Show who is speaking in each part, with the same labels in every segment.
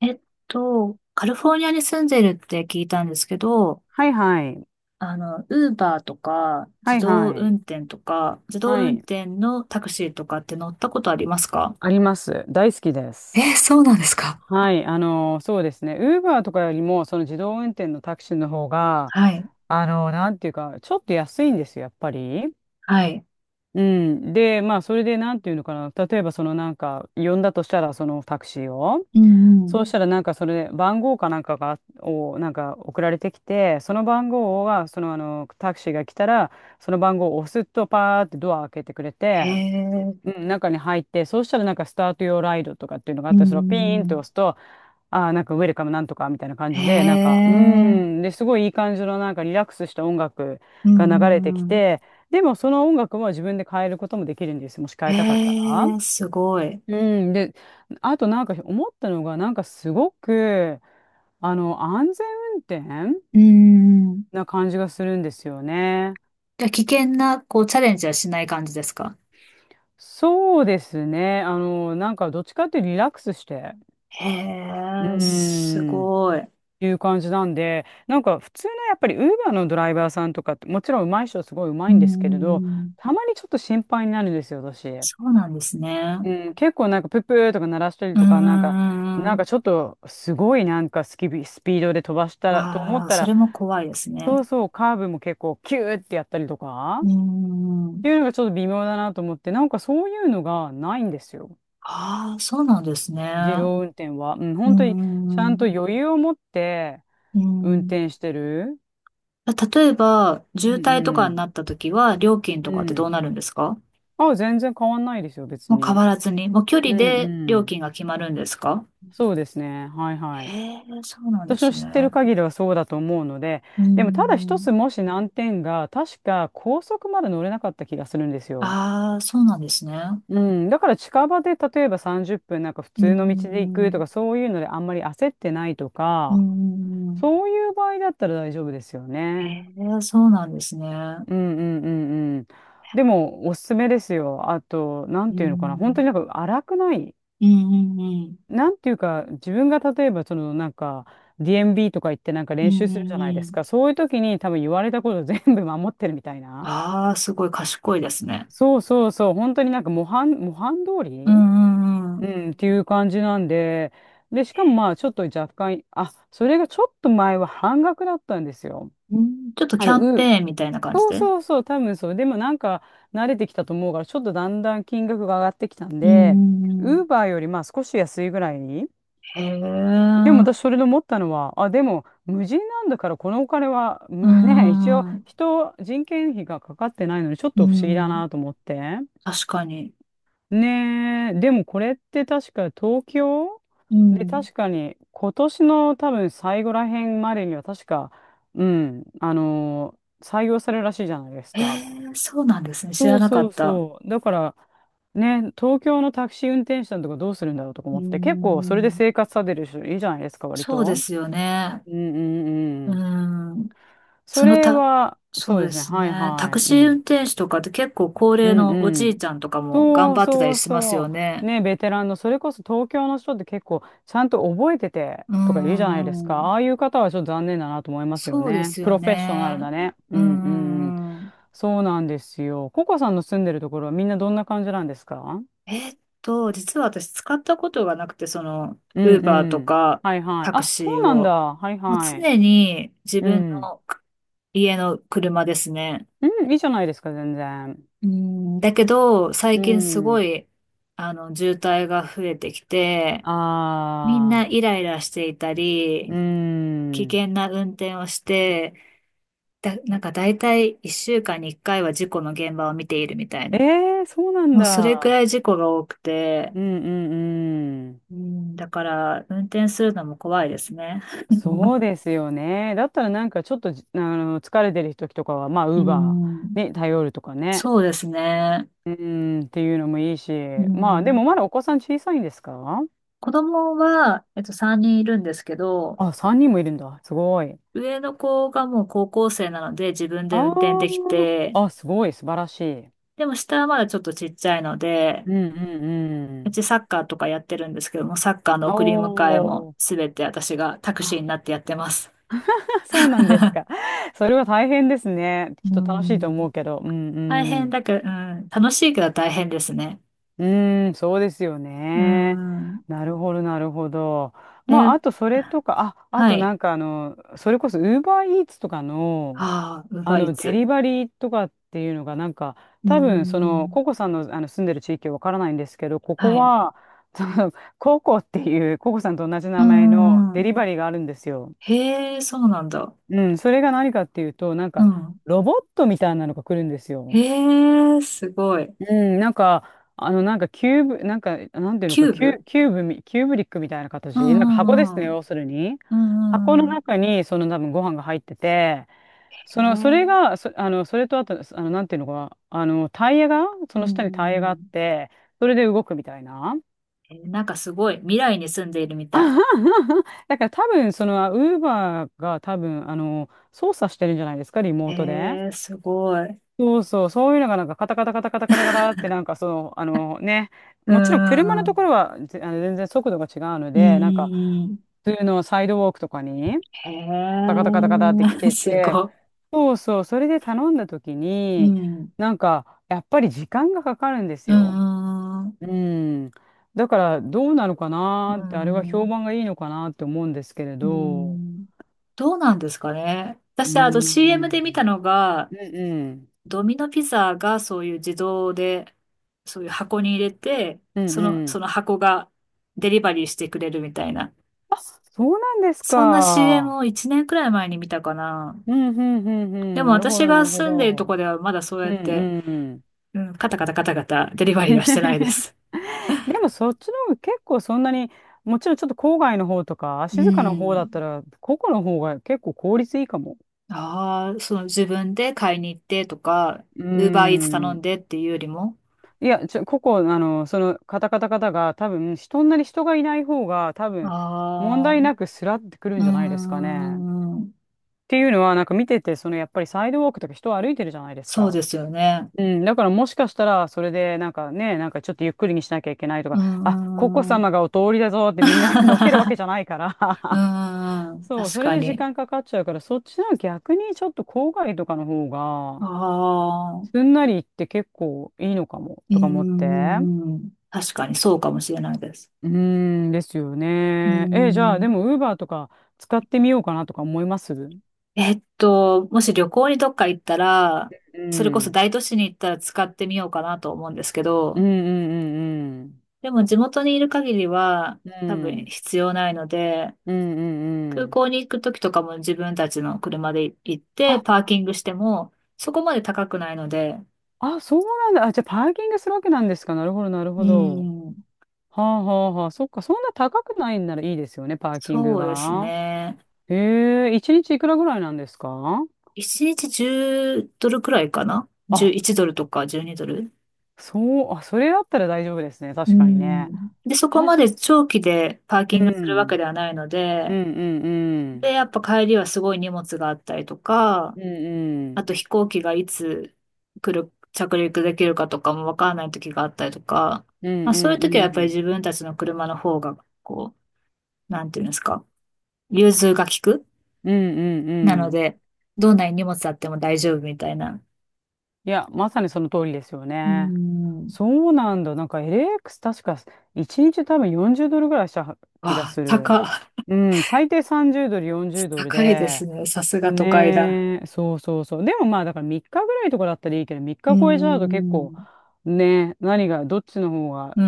Speaker 1: えっカリフォルニアに住んでるって聞いたんですけど、
Speaker 2: はいはい。
Speaker 1: ウーバーとか、自
Speaker 2: はい
Speaker 1: 動
Speaker 2: はい。
Speaker 1: 運転とか、自動
Speaker 2: は
Speaker 1: 運
Speaker 2: い。
Speaker 1: 転のタクシーとかって乗ったことありますか？
Speaker 2: あります。大好きです。
Speaker 1: そうなんですか。
Speaker 2: はい。そうですね。ウーバーとかよりも、その自動運転のタクシーの方が、
Speaker 1: はい。
Speaker 2: なんていうか、ちょっと安いんですよ、やっぱり。
Speaker 1: はい。
Speaker 2: うん。で、まあ、それで、なんていうのかな。例えば、そのなんか、呼んだとしたら、そのタクシーを。
Speaker 1: うんう
Speaker 2: そうし
Speaker 1: ん。
Speaker 2: たら、なんか、それで、番号かなんかが、を、なんか、送られてきて、その番号は、タクシーが来たら、その番号を押すと、パーってドア開けてくれ
Speaker 1: へ
Speaker 2: て、
Speaker 1: え。
Speaker 2: うん、中に入って、そうしたらなんかスタート用ライドとかっていうのがあっ
Speaker 1: うん
Speaker 2: たり、それをピー
Speaker 1: うんう
Speaker 2: ンと
Speaker 1: ん。
Speaker 2: 押すと、ああ、なんかウェルカムなんとかみたいな感
Speaker 1: へ
Speaker 2: じで、なんか、
Speaker 1: え。
Speaker 2: で、すごいいい感じのなんかリラックスした音楽
Speaker 1: うん
Speaker 2: が流れ
Speaker 1: う
Speaker 2: て
Speaker 1: んう
Speaker 2: き
Speaker 1: ん。
Speaker 2: て、でもその音楽は自分で変えることもできるんですよ。もし変
Speaker 1: へ
Speaker 2: えたかったら。
Speaker 1: え、すごい。
Speaker 2: うん、で、あとなんか思ったのが、なんかすごく、あの、安全運転
Speaker 1: うんうんうん。
Speaker 2: な感じがするんですよね。
Speaker 1: じゃあ、危険な、こう、チャレンジはしない感じですか？
Speaker 2: そうですね。なんかどっちかっていうとリラックスして。
Speaker 1: へ
Speaker 2: うー
Speaker 1: え、す
Speaker 2: ん。
Speaker 1: ごい。
Speaker 2: いう感じなんで、なんか普通のやっぱりウーバーのドライバーさんとかって、もちろん上手い人はすごい上
Speaker 1: う
Speaker 2: 手
Speaker 1: ん
Speaker 2: い
Speaker 1: う
Speaker 2: んですけれど、
Speaker 1: んうん。
Speaker 2: たまにちょっと心配になるんですよ、私。
Speaker 1: そうなんですね。
Speaker 2: うん、結構なんかプップーとか鳴らしたり
Speaker 1: うー
Speaker 2: とか、なんか、なん
Speaker 1: ん。
Speaker 2: かちょっとすごいなんかスキビ、スピードで飛ばしたらと思っ
Speaker 1: わあ、
Speaker 2: た
Speaker 1: そ
Speaker 2: ら、
Speaker 1: れも怖いですね。
Speaker 2: そうそう、カーブも結構キューってやったりとか、
Speaker 1: うー
Speaker 2: っ
Speaker 1: ん。
Speaker 2: ていうのがちょっと微妙だなと思って、なんかそういうのがないんですよ。
Speaker 1: ああ、そうなんですね。
Speaker 2: 自動運転は。うん、
Speaker 1: うー
Speaker 2: 本当にちゃん
Speaker 1: ん。
Speaker 2: と
Speaker 1: う
Speaker 2: 余裕を持って
Speaker 1: ー
Speaker 2: 運
Speaker 1: ん。
Speaker 2: 転してる。
Speaker 1: 例えば、
Speaker 2: う
Speaker 1: 渋
Speaker 2: ん
Speaker 1: 滞とか
Speaker 2: う
Speaker 1: に
Speaker 2: ん。
Speaker 1: なった時は、料金と
Speaker 2: う
Speaker 1: かってどう
Speaker 2: ん。
Speaker 1: なるんですか？
Speaker 2: あ、全然変わんないですよ、別
Speaker 1: もう変
Speaker 2: に。
Speaker 1: わらずに、もう距
Speaker 2: う
Speaker 1: 離
Speaker 2: ん
Speaker 1: で料
Speaker 2: う
Speaker 1: 金が決まるんですか？
Speaker 2: ん。そうですね。はいは
Speaker 1: へ
Speaker 2: い。
Speaker 1: え、そうなんで
Speaker 2: 私の
Speaker 1: すね。
Speaker 2: 知ってる限りはそうだと思うので、
Speaker 1: うー
Speaker 2: でもただ一つ
Speaker 1: ん。
Speaker 2: もし難点が、確か高速まで乗れなかった気がするんですよ。
Speaker 1: ああ、そうなんですね。
Speaker 2: うん。だから近場で例えば30分なんか普
Speaker 1: うー
Speaker 2: 通の道で行くと
Speaker 1: ん。
Speaker 2: か、そういうのであんまり焦ってないと
Speaker 1: うー
Speaker 2: か、
Speaker 1: ん。
Speaker 2: そういう場合だったら大丈夫ですよ
Speaker 1: へ
Speaker 2: ね。
Speaker 1: え、そうなんですね。う
Speaker 2: うんうんうんうん。でもおすすめですよ。あと、な
Speaker 1: ー
Speaker 2: んていうのかな。本当
Speaker 1: ん。
Speaker 2: になんか荒くない。
Speaker 1: うんうんうん。
Speaker 2: なんていうか、自分が例えば、そのなんか、DMB とか行ってなんか
Speaker 1: うん
Speaker 2: 練
Speaker 1: う
Speaker 2: 習するじゃ
Speaker 1: ん
Speaker 2: ないで
Speaker 1: う
Speaker 2: すか。
Speaker 1: ん。
Speaker 2: そういう時に多分言われたこと全部守ってるみたいな。
Speaker 1: ああ、すごい賢いですね。
Speaker 2: そうそうそう、本当になんか模範通
Speaker 1: う
Speaker 2: り、
Speaker 1: んうんう
Speaker 2: う
Speaker 1: ん。
Speaker 2: ん、っていう感じなんで、で、しかもまあ、ちょっと若干、あ、それがちょっと前は半額だったんですよ。
Speaker 1: うん、ちょっと
Speaker 2: あ
Speaker 1: キャ
Speaker 2: の、
Speaker 1: ン
Speaker 2: うん。
Speaker 1: ペーンみたいな感じ
Speaker 2: そう
Speaker 1: で。うん
Speaker 2: そうそう、多分そう。でもなんか、慣れてきたと思うから、ちょっとだんだん金額が上がってきたん
Speaker 1: う
Speaker 2: で、
Speaker 1: んう
Speaker 2: ウー
Speaker 1: ん。
Speaker 2: バーよりまあ少し安いぐらい、
Speaker 1: へえ。
Speaker 2: でも私それで思ったのは、あ、でも無人なんだからこのお金は、
Speaker 1: うん
Speaker 2: むね、
Speaker 1: う
Speaker 2: 一応
Speaker 1: んうん。
Speaker 2: 人件費がかかってないのにちょっ
Speaker 1: う
Speaker 2: と不思議だ
Speaker 1: ん。
Speaker 2: なと思って。
Speaker 1: 確かに。
Speaker 2: ねえ、でもこれって確か東京
Speaker 1: う
Speaker 2: で
Speaker 1: ん。
Speaker 2: 確かに今年の多分最後らへんまでには確か、うん、採用されるらしいじゃないです
Speaker 1: へ
Speaker 2: か。
Speaker 1: え、そうなんですね。知
Speaker 2: そ
Speaker 1: ら
Speaker 2: う
Speaker 1: なか
Speaker 2: そ
Speaker 1: っ
Speaker 2: う
Speaker 1: た。
Speaker 2: そう。だから、ね、東京のタクシー運転手さんとかどうするんだろうとか
Speaker 1: うん
Speaker 2: 思っ
Speaker 1: う
Speaker 2: て、結構それ
Speaker 1: ん
Speaker 2: で
Speaker 1: うん。
Speaker 2: 生活されてる人いるじゃないですか、割
Speaker 1: そうで
Speaker 2: と。
Speaker 1: すよね。
Speaker 2: うんうんう
Speaker 1: う
Speaker 2: ん。
Speaker 1: ん。
Speaker 2: そ
Speaker 1: その
Speaker 2: れ
Speaker 1: た、
Speaker 2: は、
Speaker 1: そ
Speaker 2: そ
Speaker 1: う
Speaker 2: うで
Speaker 1: で
Speaker 2: すね。
Speaker 1: す
Speaker 2: はい
Speaker 1: ね。タ
Speaker 2: はい。
Speaker 1: ク
Speaker 2: う
Speaker 1: シー
Speaker 2: ん。
Speaker 1: 運転手とかって結構高
Speaker 2: う
Speaker 1: 齢
Speaker 2: ん
Speaker 1: のお
Speaker 2: う
Speaker 1: じ
Speaker 2: ん。
Speaker 1: いちゃんとかも頑
Speaker 2: そう
Speaker 1: 張ってた
Speaker 2: そ
Speaker 1: り
Speaker 2: う
Speaker 1: しますよ
Speaker 2: そう。
Speaker 1: ね。
Speaker 2: ね、ベテランの、それこそ東京の人って結構、ちゃんと覚えてて
Speaker 1: う
Speaker 2: とか言うじゃないです
Speaker 1: ん
Speaker 2: か。
Speaker 1: う
Speaker 2: あ
Speaker 1: ん。
Speaker 2: あいう方はちょっと残念だなと思いますよ
Speaker 1: そうで
Speaker 2: ね。
Speaker 1: す
Speaker 2: プ
Speaker 1: よ
Speaker 2: ロフェッショナル
Speaker 1: ね。
Speaker 2: だね。う
Speaker 1: う
Speaker 2: んうんうん。
Speaker 1: んうんうん。
Speaker 2: そうなんですよ。ココさんの住んでるところはみんなどんな感じなんですか？
Speaker 1: 実は私使ったことがなくて、
Speaker 2: うん
Speaker 1: ウー
Speaker 2: う
Speaker 1: バーと
Speaker 2: ん。
Speaker 1: か
Speaker 2: はいはい。
Speaker 1: タク
Speaker 2: あ、そ
Speaker 1: シ
Speaker 2: う
Speaker 1: ー
Speaker 2: なんだ。
Speaker 1: を。
Speaker 2: はい
Speaker 1: もう
Speaker 2: はい。
Speaker 1: 常に自
Speaker 2: う
Speaker 1: 分
Speaker 2: ん。
Speaker 1: の家の車ですね。
Speaker 2: うん、いいじゃないですか、全然。
Speaker 1: うん、だけど、最
Speaker 2: う
Speaker 1: 近すご
Speaker 2: ん。
Speaker 1: い、渋滞が増えてきて、みんな
Speaker 2: あ
Speaker 1: イ
Speaker 2: あ。
Speaker 1: ライラしていた
Speaker 2: うー
Speaker 1: り、危
Speaker 2: ん。
Speaker 1: 険な運転をして、なんか大体1週間に1回は事故の現場を見ているみたい
Speaker 2: え
Speaker 1: な。
Speaker 2: え、そうなん
Speaker 1: もうそれく
Speaker 2: だ。
Speaker 1: らい事故が多くて、
Speaker 2: うんうんうん。
Speaker 1: うん、だから運転するのも怖いですね。
Speaker 2: そう ですよね。だったらなんかちょっとじ、あの、疲れてる時とかは、まあ、
Speaker 1: う
Speaker 2: ウーバ
Speaker 1: ん、
Speaker 2: ーに頼るとかね。
Speaker 1: そうですね。
Speaker 2: うーん、っていうのもいいし。
Speaker 1: う
Speaker 2: まあ、で
Speaker 1: ん、
Speaker 2: もまだお子さん小さいんですか？
Speaker 1: 子供は、3人いるんですけど、
Speaker 2: あ、3人もいるんだ。すごい。
Speaker 1: 上の子がもう高校生なので自分で運転でき
Speaker 2: あ
Speaker 1: て、
Speaker 2: あ、すごい、素晴らしい。
Speaker 1: でも下はまだちょっとちっちゃいので、
Speaker 2: うんうん
Speaker 1: う
Speaker 2: う
Speaker 1: ちサッカーとかやってるんですけども、サッカーの
Speaker 2: ん。
Speaker 1: 送り迎えも
Speaker 2: おー。
Speaker 1: すべて私がタクシー
Speaker 2: あ、
Speaker 1: になってやってます。
Speaker 2: そうなんですか。それは大変ですね。
Speaker 1: う
Speaker 2: きっと楽しいと
Speaker 1: ん。
Speaker 2: 思うけど。うんう
Speaker 1: 大変
Speaker 2: ん。
Speaker 1: だけど、うん。楽しいけど大変ですね。
Speaker 2: うーん、そうですよ
Speaker 1: う
Speaker 2: ね。
Speaker 1: ん。
Speaker 2: なるほど、なるほど。まあ、
Speaker 1: で、
Speaker 2: あとそれとか、あ、あ
Speaker 1: は
Speaker 2: と
Speaker 1: い。
Speaker 2: なんかあの、それこそ Uber Eats とかの、
Speaker 1: ああ、ウー
Speaker 2: あ
Speaker 1: バーイー
Speaker 2: の、デ
Speaker 1: ツ。
Speaker 2: リバリーとかっていうのが、なんか、
Speaker 1: うー
Speaker 2: 多分、その、
Speaker 1: ん。
Speaker 2: ココさんの、あの住んでる地域はわからないんですけど、ここ
Speaker 1: はい。
Speaker 2: は、その、ココっていう、ココさんと同じ
Speaker 1: う
Speaker 2: 名
Speaker 1: ん
Speaker 2: 前
Speaker 1: う
Speaker 2: の
Speaker 1: んう
Speaker 2: デ
Speaker 1: ん。
Speaker 2: リバリーがあるんですよ。
Speaker 1: へえ、そうなんだ。
Speaker 2: うん、それが何かっていうと、なん
Speaker 1: う
Speaker 2: か、
Speaker 1: ん。
Speaker 2: ロボットみたいなのが来るんです
Speaker 1: へ
Speaker 2: よ。
Speaker 1: え、すごい。
Speaker 2: うん、なんか、あの、なんかキューブ、なんか、なんていうの
Speaker 1: キ
Speaker 2: か、
Speaker 1: ュー
Speaker 2: キ
Speaker 1: ブ、
Speaker 2: ュ、キューブみ、キューブリックみたいな
Speaker 1: う
Speaker 2: 形、なんか箱です
Speaker 1: ん
Speaker 2: ね、
Speaker 1: うんうん。
Speaker 2: 要するに。
Speaker 1: う
Speaker 2: 箱
Speaker 1: んう
Speaker 2: の
Speaker 1: んうん。
Speaker 2: 中に、その多分ご飯が入ってて、
Speaker 1: へえ。
Speaker 2: それとあと、あの、なんていうのか、あの、タイヤが、そ
Speaker 1: う
Speaker 2: の
Speaker 1: んう
Speaker 2: 下にタイヤ
Speaker 1: んう
Speaker 2: があっ
Speaker 1: ん。
Speaker 2: て、それで動くみたいな。
Speaker 1: えー、なんかすごい。未来に住んでいるみ
Speaker 2: あ
Speaker 1: た
Speaker 2: は
Speaker 1: い。
Speaker 2: は、だから多分、その、ウーバーが多分、あの、操作してるんじゃないですか、リモ
Speaker 1: へ
Speaker 2: ートで。
Speaker 1: え、すごい。
Speaker 2: そうそう、そういうのがなんかカタカタカタカタカタカタってなんかその、あのね、
Speaker 1: うん
Speaker 2: もちろん車
Speaker 1: うん
Speaker 2: の
Speaker 1: う
Speaker 2: と
Speaker 1: ん。
Speaker 2: ころはぜあの全然速度が違うの
Speaker 1: うんう
Speaker 2: で、なんか
Speaker 1: んうん。
Speaker 2: 普通のサイドウォークとかにカタ
Speaker 1: へ
Speaker 2: カタカタカタって来
Speaker 1: え、
Speaker 2: て
Speaker 1: す
Speaker 2: て、
Speaker 1: ごい。
Speaker 2: そうそう、それで頼んだ時
Speaker 1: う
Speaker 2: に、
Speaker 1: ん。
Speaker 2: なんかやっぱり時間がかかるんです
Speaker 1: う
Speaker 2: よ。
Speaker 1: ん。う
Speaker 2: うん。だからどうなのかなーって、あれは
Speaker 1: ん。
Speaker 2: 評判がいいのかなって思うんですけれ
Speaker 1: う
Speaker 2: ど、
Speaker 1: ん。どうなんですかね。
Speaker 2: う
Speaker 1: 私、あの
Speaker 2: ん、
Speaker 1: CM で見たのが、
Speaker 2: うんうん、
Speaker 1: ドミノピザがそういう自動で、そういう箱に入れて、
Speaker 2: うんう
Speaker 1: そ
Speaker 2: ん。
Speaker 1: の箱がデリバリーしてくれるみたいな。
Speaker 2: あ、そうなんです
Speaker 1: そんな CM
Speaker 2: か。
Speaker 1: を1年くらい前に見たかな。
Speaker 2: うん、うん、うん、う
Speaker 1: で
Speaker 2: ん。
Speaker 1: も
Speaker 2: なるほ
Speaker 1: 私
Speaker 2: ど、な
Speaker 1: が
Speaker 2: るほ
Speaker 1: 住んでいると
Speaker 2: ど。
Speaker 1: こではまだそう
Speaker 2: う
Speaker 1: や
Speaker 2: ん、
Speaker 1: っ
Speaker 2: う
Speaker 1: て、
Speaker 2: ん。うん。
Speaker 1: うん、カタカタカタカタデリバリーはしてないで す。
Speaker 2: でもそっちの方が結構そんなに、もちろんちょっと郊外の方とか、
Speaker 1: う
Speaker 2: 静かな方
Speaker 1: ん。
Speaker 2: だったら、個々の方が結構効率いいかも。
Speaker 1: ああ、その自分で買いに行ってとか、
Speaker 2: うー
Speaker 1: ウーバーイーツ頼
Speaker 2: ん。
Speaker 1: んでっていうよりも。
Speaker 2: ここ、あの、その、カタカタカタが、多分、そんなに人がいない方が、多分、問
Speaker 1: ああ、
Speaker 2: 題なくスラってくるん
Speaker 1: う
Speaker 2: じゃないですか
Speaker 1: ー
Speaker 2: ね。っ
Speaker 1: ん、
Speaker 2: ていうのは、なんか見てて、その、やっぱりサイドウォークとか人歩いてるじゃないです
Speaker 1: そう
Speaker 2: か。
Speaker 1: ですよね。
Speaker 2: うん、だからもしかしたら、それで、なんかね、なんかちょっとゆっくりにしなきゃいけないと
Speaker 1: う
Speaker 2: か、
Speaker 1: ー
Speaker 2: あ、ココ
Speaker 1: ん、う
Speaker 2: 様がお通りだぞってみんな のけるわけじゃないか
Speaker 1: ー
Speaker 2: ら、
Speaker 1: ん、
Speaker 2: そう、
Speaker 1: 確
Speaker 2: それ
Speaker 1: か
Speaker 2: で時
Speaker 1: に。
Speaker 2: 間かかっちゃうから、そっちの逆にちょっと郊外とかの方
Speaker 1: あ
Speaker 2: が、
Speaker 1: あ、う
Speaker 2: すんなり行って結構いいのかも、
Speaker 1: ー
Speaker 2: とか思って。
Speaker 1: ん、確かにそうかもしれないです。
Speaker 2: うーん、ですよ
Speaker 1: うー
Speaker 2: ね。え、じゃあ、で
Speaker 1: ん、
Speaker 2: も、ウーバーとか使ってみようかなとか思います。う
Speaker 1: もし旅行にどっか行ったら、それこそ
Speaker 2: ん。
Speaker 1: 大都市に行ったら使ってみようかなと思うんですけ
Speaker 2: うん
Speaker 1: ど、
Speaker 2: うんうん
Speaker 1: でも地元にいる限りは
Speaker 2: うん。
Speaker 1: 多
Speaker 2: う
Speaker 1: 分
Speaker 2: ん。
Speaker 1: 必要ないので、
Speaker 2: うんうんう
Speaker 1: 空
Speaker 2: ん。
Speaker 1: 港に行く時とかも自分たちの車で行ってパ
Speaker 2: あ
Speaker 1: ーキングしてもそこまで高くないので、
Speaker 2: あ、そうなんだ。あ、じゃあパーキングするわけなんですか。なるほど、なる
Speaker 1: う
Speaker 2: ほど。
Speaker 1: ん、
Speaker 2: はあはあはあ。そっか、そんな高くないんならいいですよね、パーキング
Speaker 1: そうです
Speaker 2: が。
Speaker 1: ね。
Speaker 2: へえ、一日いくらぐらいなんですか？
Speaker 1: 1日10ドルくらいかな？
Speaker 2: あ、
Speaker 1: 11 ドルとか12ドル。
Speaker 2: そう、あ、それだったら大丈夫ですね。
Speaker 1: う
Speaker 2: 確かにね。
Speaker 1: ん。で、そこ
Speaker 2: た
Speaker 1: ま
Speaker 2: し、
Speaker 1: で長期でパー
Speaker 2: う
Speaker 1: キングするわけ
Speaker 2: ん、
Speaker 1: ではないの
Speaker 2: う
Speaker 1: で、
Speaker 2: ん、うん、う
Speaker 1: で、
Speaker 2: ん、
Speaker 1: やっぱ帰りはすごい荷物があったりとか、
Speaker 2: うん、う
Speaker 1: あ
Speaker 2: ん、
Speaker 1: と飛行機がいつ来る、着陸できるかとかもわからない時があったりとか、
Speaker 2: うん、う
Speaker 1: まあ、そういう
Speaker 2: ん、う
Speaker 1: 時はやっぱり
Speaker 2: ん、
Speaker 1: 自分たちの車の方が、こう、なんていうんですか、融通が利く
Speaker 2: うん、うん、
Speaker 1: な
Speaker 2: う
Speaker 1: の
Speaker 2: ん、
Speaker 1: で、どんなに荷物あっても大丈夫みたいな。
Speaker 2: いや、まさにその通りですよ
Speaker 1: うー
Speaker 2: ね。
Speaker 1: ん。
Speaker 2: そうなんだ。なんか LX 確か1日多分40ドルぐらいした気が
Speaker 1: わ
Speaker 2: す
Speaker 1: あ、
Speaker 2: る。うん、最低30ドル、40ドル
Speaker 1: 高いです
Speaker 2: で。
Speaker 1: ね。さすが都会だ。
Speaker 2: ねえ、そうそうそう。でもまあだから3日ぐらいとかだったらいいけど、3
Speaker 1: うー
Speaker 2: 日超えちゃうと結構、
Speaker 1: ん。
Speaker 2: ねえ、何が、どっちの方が、
Speaker 1: うー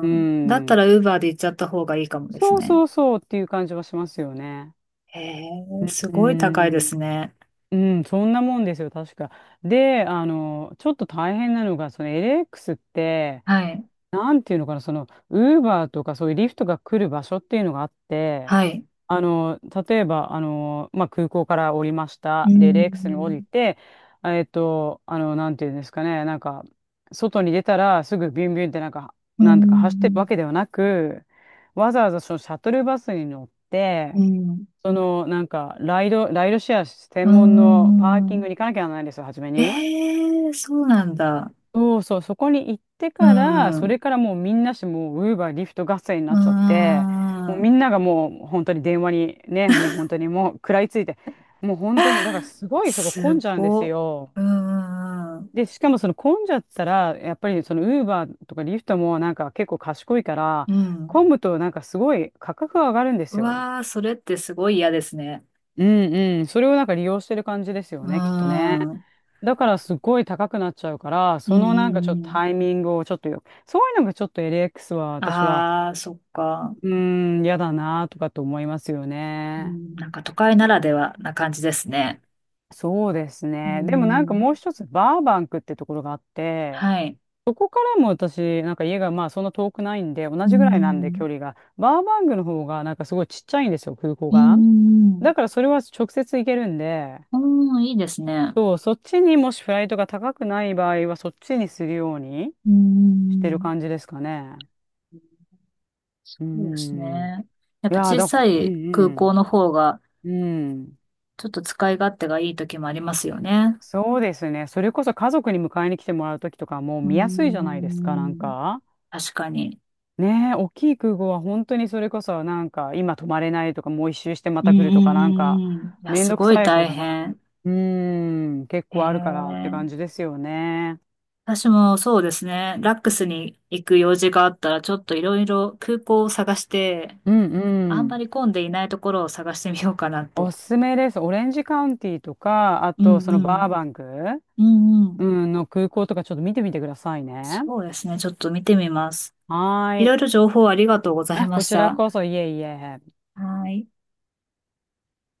Speaker 2: う
Speaker 1: ん。だった
Speaker 2: ん、
Speaker 1: ら Uber で行っちゃった方がいいかもです
Speaker 2: そう
Speaker 1: ね。
Speaker 2: そうそうっていう感じはしますよね。
Speaker 1: へえ、す
Speaker 2: う
Speaker 1: ごい高いで
Speaker 2: ん、
Speaker 1: すね。
Speaker 2: うん、そんなもんですよ、確か。で、あの、ちょっと大変なのが、その LX って、
Speaker 1: はい。
Speaker 2: なんていうのかな、その、ウーバーとかそういうリフトが来る場所っていうのがあって、
Speaker 1: はい。
Speaker 2: あの、例えば、あの、まあ、空港から降りまし
Speaker 1: うー
Speaker 2: た。で、レックスに降り
Speaker 1: ん。
Speaker 2: て、あの、なんていうんですかね、なんか、外に出たらすぐビュンビュンってなんか、
Speaker 1: う
Speaker 2: なんとか走ってるわ
Speaker 1: ん、
Speaker 2: けではなく、わざわざそのシャトルバスに乗っ
Speaker 1: う
Speaker 2: て、
Speaker 1: ん、
Speaker 2: その、なんか、ライドシェア専門
Speaker 1: う
Speaker 2: のパーキン
Speaker 1: ん。
Speaker 2: グに行かなきゃならないんですよ、初め
Speaker 1: え
Speaker 2: に。
Speaker 1: えー、そうなんだ。
Speaker 2: そうそう、そこに行って
Speaker 1: う
Speaker 2: から、そ
Speaker 1: ん、
Speaker 2: れからもうみんなしもう、ウーバー、リフト合戦にな
Speaker 1: う
Speaker 2: っちゃって、もうみ
Speaker 1: ん。
Speaker 2: んながもう本当に電話にね、もう本当にもう食らいついて、もう本当に、だからすごいそこ
Speaker 1: す
Speaker 2: 混んじゃうんです
Speaker 1: ご
Speaker 2: よ。
Speaker 1: うん、うん。
Speaker 2: で、しかもその混んじゃったら、やっぱりそのウーバーとかリフトもなんか結構賢いから、
Speaker 1: うん、
Speaker 2: 混むとなんかすごい価格が上がるんで
Speaker 1: う
Speaker 2: すよ。
Speaker 1: わあ、それってすごい嫌ですね。
Speaker 2: うんうん、それをなんか利用してる感じですよ
Speaker 1: う
Speaker 2: ね、きっとね。
Speaker 1: ん、うん、
Speaker 2: だからすごい高くなっちゃうから、
Speaker 1: う
Speaker 2: そのなんか
Speaker 1: ん
Speaker 2: ちょっと
Speaker 1: うん。
Speaker 2: タイミングをちょっとよ、そういうのがちょっと LX は私は、
Speaker 1: ああ、そっか。
Speaker 2: うーん、嫌だなとかと思いますよ
Speaker 1: う
Speaker 2: ね。
Speaker 1: ん、なんか都会ならではな感じですね。
Speaker 2: そうです
Speaker 1: う
Speaker 2: ね。でもなんかもう
Speaker 1: ん、
Speaker 2: 一つ、バーバンクってところがあって、
Speaker 1: はい。
Speaker 2: そこからも私、なんか家がまあそんな遠くないんで、同
Speaker 1: う
Speaker 2: じぐらいなんで距
Speaker 1: ん、
Speaker 2: 離が、バーバンクの方がなんかすごいちっちゃいんですよ、空港
Speaker 1: う
Speaker 2: が。
Speaker 1: ん、う
Speaker 2: だ
Speaker 1: ん。
Speaker 2: からそれは直接行けるんで、
Speaker 1: うん、いいですね。
Speaker 2: そう、そっちにもしフライトが高くない場合は、そっちにするように
Speaker 1: う
Speaker 2: してる
Speaker 1: ん。
Speaker 2: 感じですかね。
Speaker 1: そ
Speaker 2: う
Speaker 1: うです
Speaker 2: ん。
Speaker 1: ね。やっ
Speaker 2: い
Speaker 1: ぱ
Speaker 2: やー、
Speaker 1: 小
Speaker 2: だ
Speaker 1: さ
Speaker 2: から、う
Speaker 1: い空港
Speaker 2: ん
Speaker 1: の方が、
Speaker 2: うん。うん。
Speaker 1: ちょっと使い勝手がいい時もありますよね。
Speaker 2: そうですね。それこそ家族に迎えに来てもらうときとかもう
Speaker 1: うー
Speaker 2: 見やすいじゃないですか、なん
Speaker 1: ん。
Speaker 2: か。
Speaker 1: 確かに。
Speaker 2: ねえ、大きい空港は本当にそれこそなんか今泊まれないとかもう一周してま
Speaker 1: うん
Speaker 2: た来るとか
Speaker 1: うん
Speaker 2: なん
Speaker 1: う
Speaker 2: か
Speaker 1: んうん。いや、
Speaker 2: めん
Speaker 1: す
Speaker 2: どく
Speaker 1: ごい
Speaker 2: さいこと
Speaker 1: 大
Speaker 2: が。
Speaker 1: 変。
Speaker 2: うーん、結構あるからって感じ
Speaker 1: ええ、
Speaker 2: ですよね。
Speaker 1: 私もそうですね。ラックスに行く用事があったら、ちょっといろいろ空港を探して、
Speaker 2: うん
Speaker 1: あ
Speaker 2: う
Speaker 1: んま
Speaker 2: ん。
Speaker 1: り混んでいないところを探してみようかなっ
Speaker 2: お
Speaker 1: て。
Speaker 2: すすめです。オレンジカウンティとか、あ
Speaker 1: うん
Speaker 2: とそ
Speaker 1: う
Speaker 2: のバー
Speaker 1: ん。
Speaker 2: バンク、
Speaker 1: うんう
Speaker 2: う
Speaker 1: ん。
Speaker 2: ん、の空港とかちょっと見てみてくださいね。
Speaker 1: そうですね。ちょっと見てみます。
Speaker 2: は
Speaker 1: い
Speaker 2: ー
Speaker 1: ろい
Speaker 2: い。
Speaker 1: ろ情報ありがとうござい
Speaker 2: あ、
Speaker 1: ま
Speaker 2: こ
Speaker 1: し
Speaker 2: ちら
Speaker 1: た。
Speaker 2: こそ、いえいえ。
Speaker 1: はい。